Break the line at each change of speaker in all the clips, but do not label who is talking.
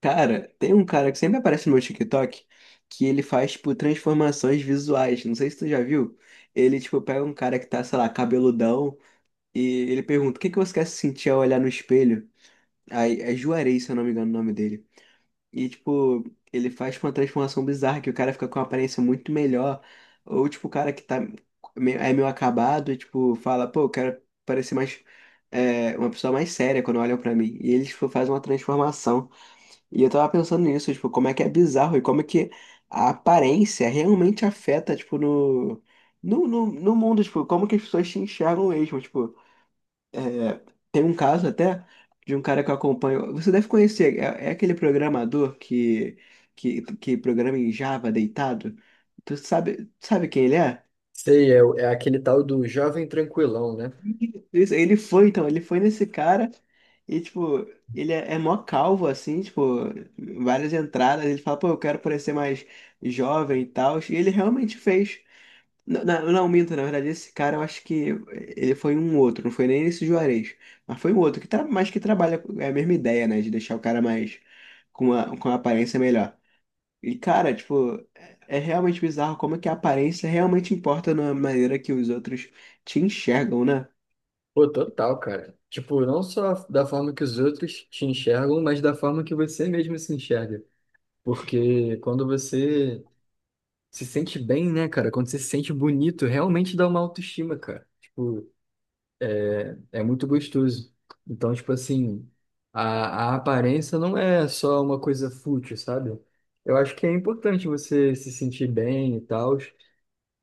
Cara, tem um cara que sempre aparece no meu TikTok que ele faz, tipo, transformações visuais. Não sei se tu já viu. Ele, tipo, pega um cara que tá, sei lá, cabeludão e ele pergunta: o que que você quer se sentir ao olhar no espelho? Aí é Juarez, se eu não me engano, o nome dele. E, tipo, ele faz uma transformação bizarra que o cara fica com uma aparência muito melhor. Ou, tipo, o cara que tá é meio acabado e, tipo, fala: pô, eu quero parecer mais. É, uma pessoa mais séria quando olham pra mim. E eles, tipo, fazem uma transformação. E eu tava pensando nisso, tipo, como é que é bizarro e como é que a aparência realmente afeta, tipo, no mundo, tipo, como que as pessoas se enxergam mesmo, tipo, é, tem um caso até de um cara que eu acompanho, você deve conhecer, é, é aquele programador que programa em Java deitado, tu sabe, sabe quem ele é?
Sei, é aquele tal do jovem tranquilão, né?
Isso, ele foi, então, ele foi nesse cara e, tipo, ele é, é mó calvo, assim, tipo, várias entradas. Ele fala, pô, eu quero parecer mais jovem e tal. E ele realmente fez. Não, não, não, minto, na verdade, esse cara eu acho que ele foi um outro, não foi nem esse Juarez, mas foi um outro, mas que trabalha, é a mesma ideia, né, de deixar o cara mais, com uma aparência melhor. E, cara, tipo, é realmente bizarro como é que a aparência realmente importa na maneira que os outros te enxergam, né?
Pô, total, cara. Tipo, não só da forma que os outros te enxergam, mas da forma que você mesmo se enxerga. Porque quando você se sente bem, né, cara? Quando você se sente bonito, realmente dá uma autoestima, cara. Tipo, é muito gostoso. Então, tipo assim, a aparência não é só uma coisa fútil, sabe? Eu acho que é importante você se sentir bem e tal.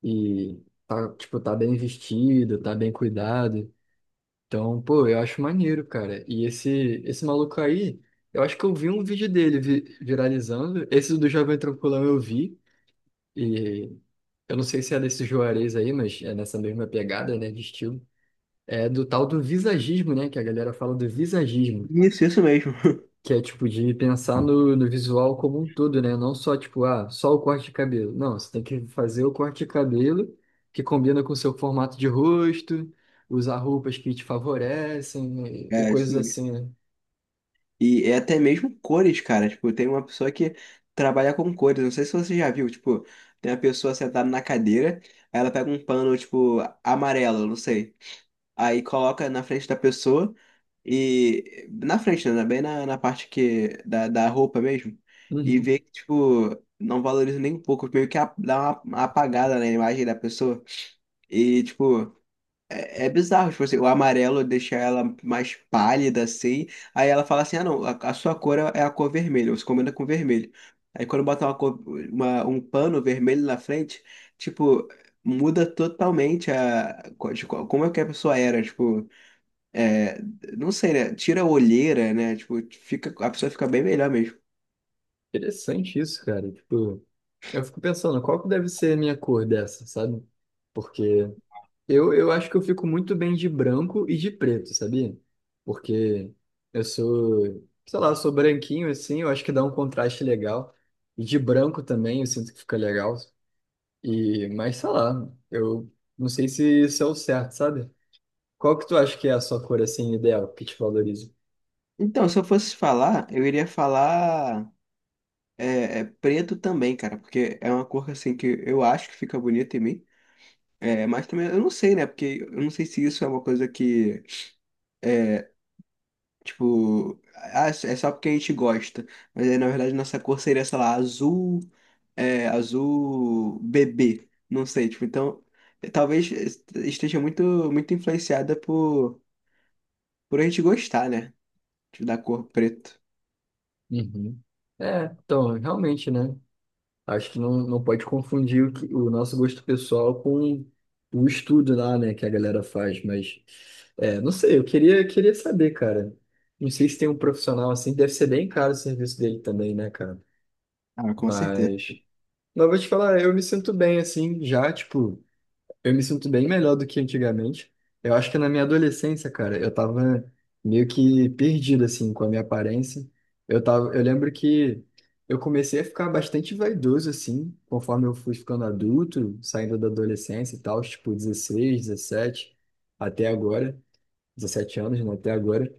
E tá, tipo, tá bem vestido, tá bem cuidado. Então, pô, eu acho maneiro, cara. E esse maluco aí, eu acho que eu vi um vídeo dele viralizando. Esse do Jovem Tranquilão eu vi. E eu não sei se é desse Juarez aí, mas é nessa mesma pegada, né, de estilo. É do tal do visagismo, né, que a galera fala do visagismo.
Isso mesmo.
Que é tipo de pensar no, visual como um todo, né? Não só tipo, ah, só o corte de cabelo. Não, você tem que fazer o corte de cabelo que combina com o seu formato de rosto, usar roupas que te favorecem e
É, isso
coisas
mesmo.
assim, né?
E é até mesmo cores, cara. Tipo, tem uma pessoa que trabalha com cores. Não sei se você já viu. Tipo, tem uma pessoa sentada na cadeira, aí ela pega um pano, tipo, amarelo, não sei. Aí coloca na frente da pessoa e. Na frente, né? Bem na, na parte que. Da, da roupa mesmo. E
Uhum.
vê que, tipo, não valoriza nem um pouco. Meio que dá uma apagada na imagem da pessoa. E, tipo. É, é bizarro, tipo assim, o amarelo deixa ela mais pálida assim. Aí ela fala assim: ah, não, a sua cor é a cor vermelha, você combina com vermelho. Aí quando bota um pano vermelho na frente, tipo, muda totalmente a, co- de co- como é que a pessoa era. Tipo, é, não sei, né? Tira a olheira, né? Tipo, fica, a pessoa fica bem melhor mesmo.
Interessante isso, cara. Tipo, eu fico pensando, qual que deve ser a minha cor dessa, sabe? Porque Eu acho que eu fico muito bem de branco e de preto, sabia? Porque eu sou, sei lá, eu sou branquinho assim, eu acho que dá um contraste legal. E de branco também, eu sinto que fica legal. E, mas sei lá, eu não sei se isso é o certo, sabe? Qual que tu acha que é a sua cor assim ideal, que te valoriza?
Então, se eu fosse falar, eu iria falar preto também, cara, porque é uma cor assim que eu acho que fica bonita em mim. É, mas também eu não sei, né? Porque eu não sei se isso é uma coisa que é, tipo, ah, é só porque a gente gosta. Mas aí, na verdade, nossa cor seria, sei lá, azul, é, azul bebê. Não sei, tipo, então, talvez esteja muito influenciada por a gente gostar, né? Tipo, da cor preto.
Uhum. É, então, realmente, né? Acho que não pode confundir o, o nosso gosto pessoal com o estudo lá, né, que a galera faz, mas é, não sei, eu queria saber, cara. Não sei se tem um profissional assim, deve ser bem caro o serviço dele também, né, cara?
Ah, com certeza.
Mas, mas eu vou te falar, eu me sinto bem assim, já, tipo. Eu me sinto bem melhor do que antigamente. Eu acho que na minha adolescência, cara, eu tava meio que perdido, assim, com a minha aparência. Eu tava, eu lembro que eu comecei a ficar bastante vaidoso, assim, conforme eu fui ficando adulto, saindo da adolescência e tal, tipo 16, 17, até agora, 17 anos, né, até agora.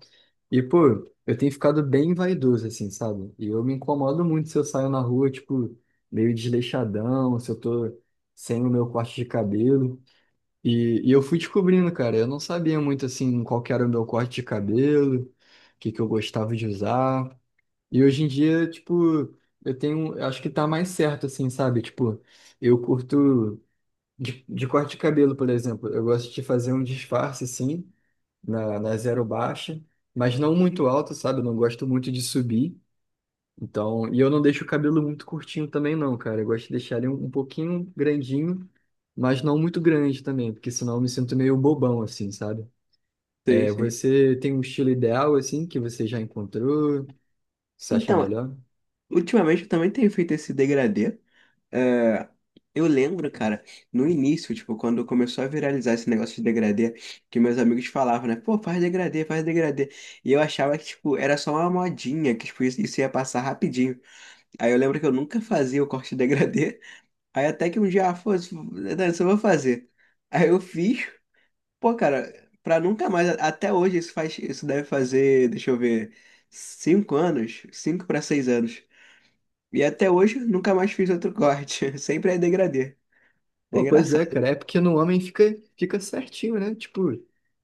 E, pô, eu tenho ficado bem vaidoso, assim, sabe? E eu me incomodo muito se eu saio na rua, tipo, meio desleixadão, se eu tô sem o meu corte de cabelo. E eu fui descobrindo, cara. Eu não sabia muito assim qual que era o meu corte de cabelo, o que que eu gostava de usar. E hoje em dia, tipo, eu tenho, eu acho que tá mais certo assim, sabe? Tipo, eu curto de corte de cabelo, por exemplo. Eu gosto de fazer um disfarce assim na zero baixa, mas não muito alto, sabe? Eu não gosto muito de subir. Então, e eu não deixo o cabelo muito curtinho também, não, cara. Eu gosto de deixar ele um pouquinho grandinho, mas não muito grande também, porque senão eu me sinto meio bobão, assim, sabe?
Sim,
É,
sim.
você tem um estilo ideal, assim, que você já encontrou, que você acha
Então,
melhor?
ultimamente eu também tenho feito esse degradê. É, eu lembro, cara, no início, tipo, quando começou a viralizar esse negócio de degradê, que meus amigos falavam, né? Pô, faz degradê, faz degradê. E eu achava que, tipo, era só uma modinha, que, tipo, isso ia passar rapidinho. Aí eu lembro que eu nunca fazia o corte de degradê. Aí até que um dia, ah, foda-se, isso eu vou fazer. Aí eu fiz. Pô, cara, pra nunca mais, até hoje isso faz, isso deve fazer, deixa eu ver, cinco anos, cinco pra seis anos. E até hoje nunca mais fiz outro corte. Sempre é degradê. É
Pô, pois é,
engraçado.
cara. É porque no homem fica, fica certinho, né? Tipo,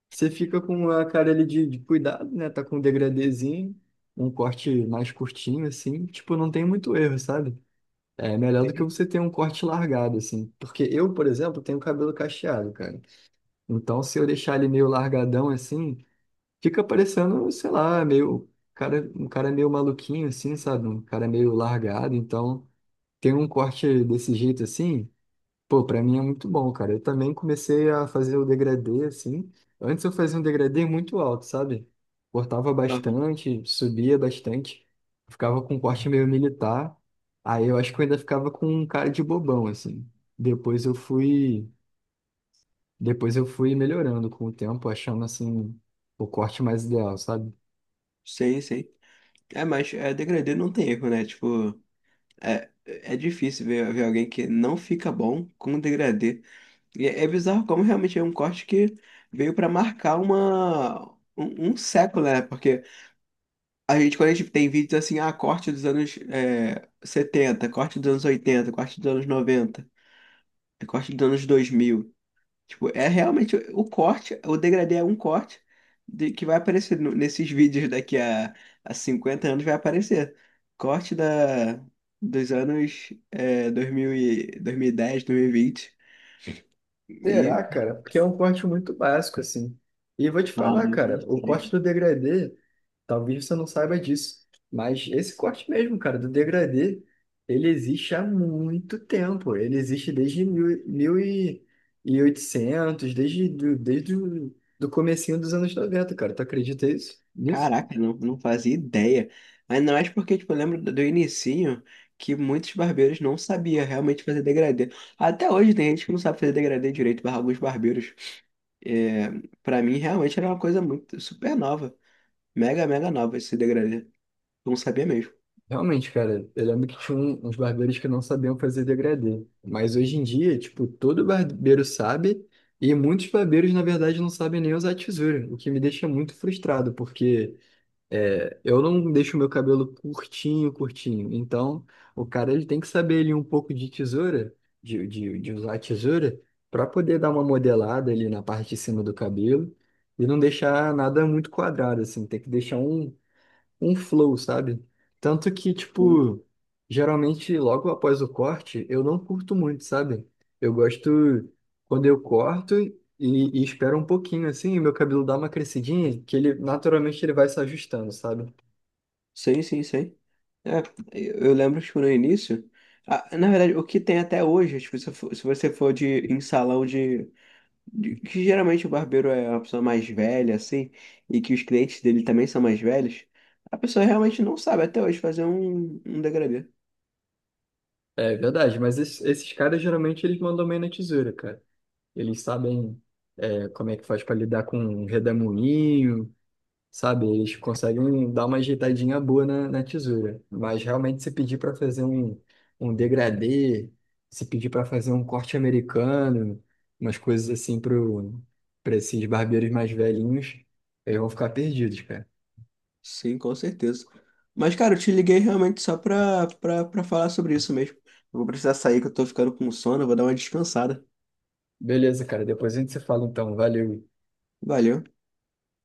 você fica com a cara ali de cuidado, né? Tá com um degradêzinho, um corte mais curtinho, assim. Tipo, não tem muito erro, sabe? É melhor do que
Assim.
você ter um corte largado, assim. Porque eu, por exemplo, tenho cabelo cacheado, cara. Então, se eu deixar ele meio largadão, assim, fica parecendo, sei lá, meio... Cara, um cara meio maluquinho, assim, sabe? Um cara meio largado. Então, ter um corte desse jeito, assim, pô, pra mim é muito bom, cara. Eu também comecei a fazer o degradê, assim. Antes eu fazia um degradê muito alto, sabe? Cortava
Aham.
bastante, subia bastante. Ficava com um corte meio militar. Aí eu acho que eu ainda ficava com um cara de bobão, assim. Depois eu fui, depois eu fui melhorando com o tempo, achando, assim, o corte mais ideal, sabe?
Sei, sei. É, mas é, degradê não tem erro, né? Tipo, é, é difícil ver alguém que não fica bom com degradê. E é, é bizarro como realmente é um corte que veio pra marcar um século, né? Porque a gente, quando a gente tem vídeos assim, ah, corte dos anos 70, corte dos anos oitenta, corte dos anos noventa, corte dos anos dois mil. Tipo, é realmente o corte, o degradê é um corte que vai aparecer nesses vídeos a 50 anos, vai aparecer. Corte da, dos anos 2000 e, 2010, 2020. E. dez, dois
Será,
mil e vinte. E.
cara? Porque é um corte muito básico, assim. E vou te
Ah,
falar,
muito
cara, o corte
estranho.
do degradê, talvez você não saiba disso, mas esse corte mesmo, cara, do degradê, ele existe há muito tempo. Ele existe desde e 1800, desde, do- desde o do comecinho dos anos 90, cara. Tu acredita nisso?
Caraca, não, não fazia ideia. Ainda mais porque, tipo, eu lembro do, do inicinho que muitos barbeiros não sabiam realmente fazer degradê. Até hoje tem gente que não sabe fazer degradê direito, barra alguns barbeiros. É, para mim, realmente era uma coisa muito super nova. Mega, mega nova esse degradê. Não sabia mesmo.
Realmente, cara, eu lembro que tinha uns barbeiros que não sabiam fazer degradê. Mas hoje em dia, tipo, todo barbeiro sabe e muitos barbeiros, na verdade, não sabem nem usar tesoura, o que me deixa muito frustrado, porque é, eu não deixo meu cabelo curtinho, curtinho. Então, o cara ele tem que saber ali um pouco de tesoura, de usar a tesoura, para poder dar uma modelada ali na parte de cima do cabelo e não deixar nada muito quadrado, assim. Tem que deixar um flow, sabe? Tanto que,
Hum.
tipo, geralmente logo após o corte, eu não curto muito, sabe? Eu gosto quando eu corto e espero um pouquinho, assim, e meu cabelo dá uma crescidinha, que ele naturalmente ele vai se ajustando, sabe?
Sim, sim, sim. É, eu lembro, tipo, no início. Ah, na verdade, o que tem até hoje, tipo, se você for de, em salão de, que geralmente o barbeiro é uma pessoa mais velha, assim, e que os clientes dele também são mais velhos, a pessoa realmente não sabe até hoje fazer um degradê.
É verdade, mas esses caras geralmente eles mandam bem na tesoura, cara. Eles sabem é, como é que faz pra lidar com um redemoinho, sabe? Eles conseguem dar uma ajeitadinha boa na tesoura. Mas realmente, se pedir para fazer um degradê, se pedir para fazer um corte americano, umas coisas assim pro, para esses barbeiros mais velhinhos, eles vão ficar perdidos, cara.
Sim, com certeza. Mas, cara, eu te liguei realmente só pra falar sobre isso mesmo. Eu vou precisar sair, que eu tô ficando com sono, eu vou dar uma descansada.
Beleza, cara. Depois a gente se fala então. Valeu.
Valeu.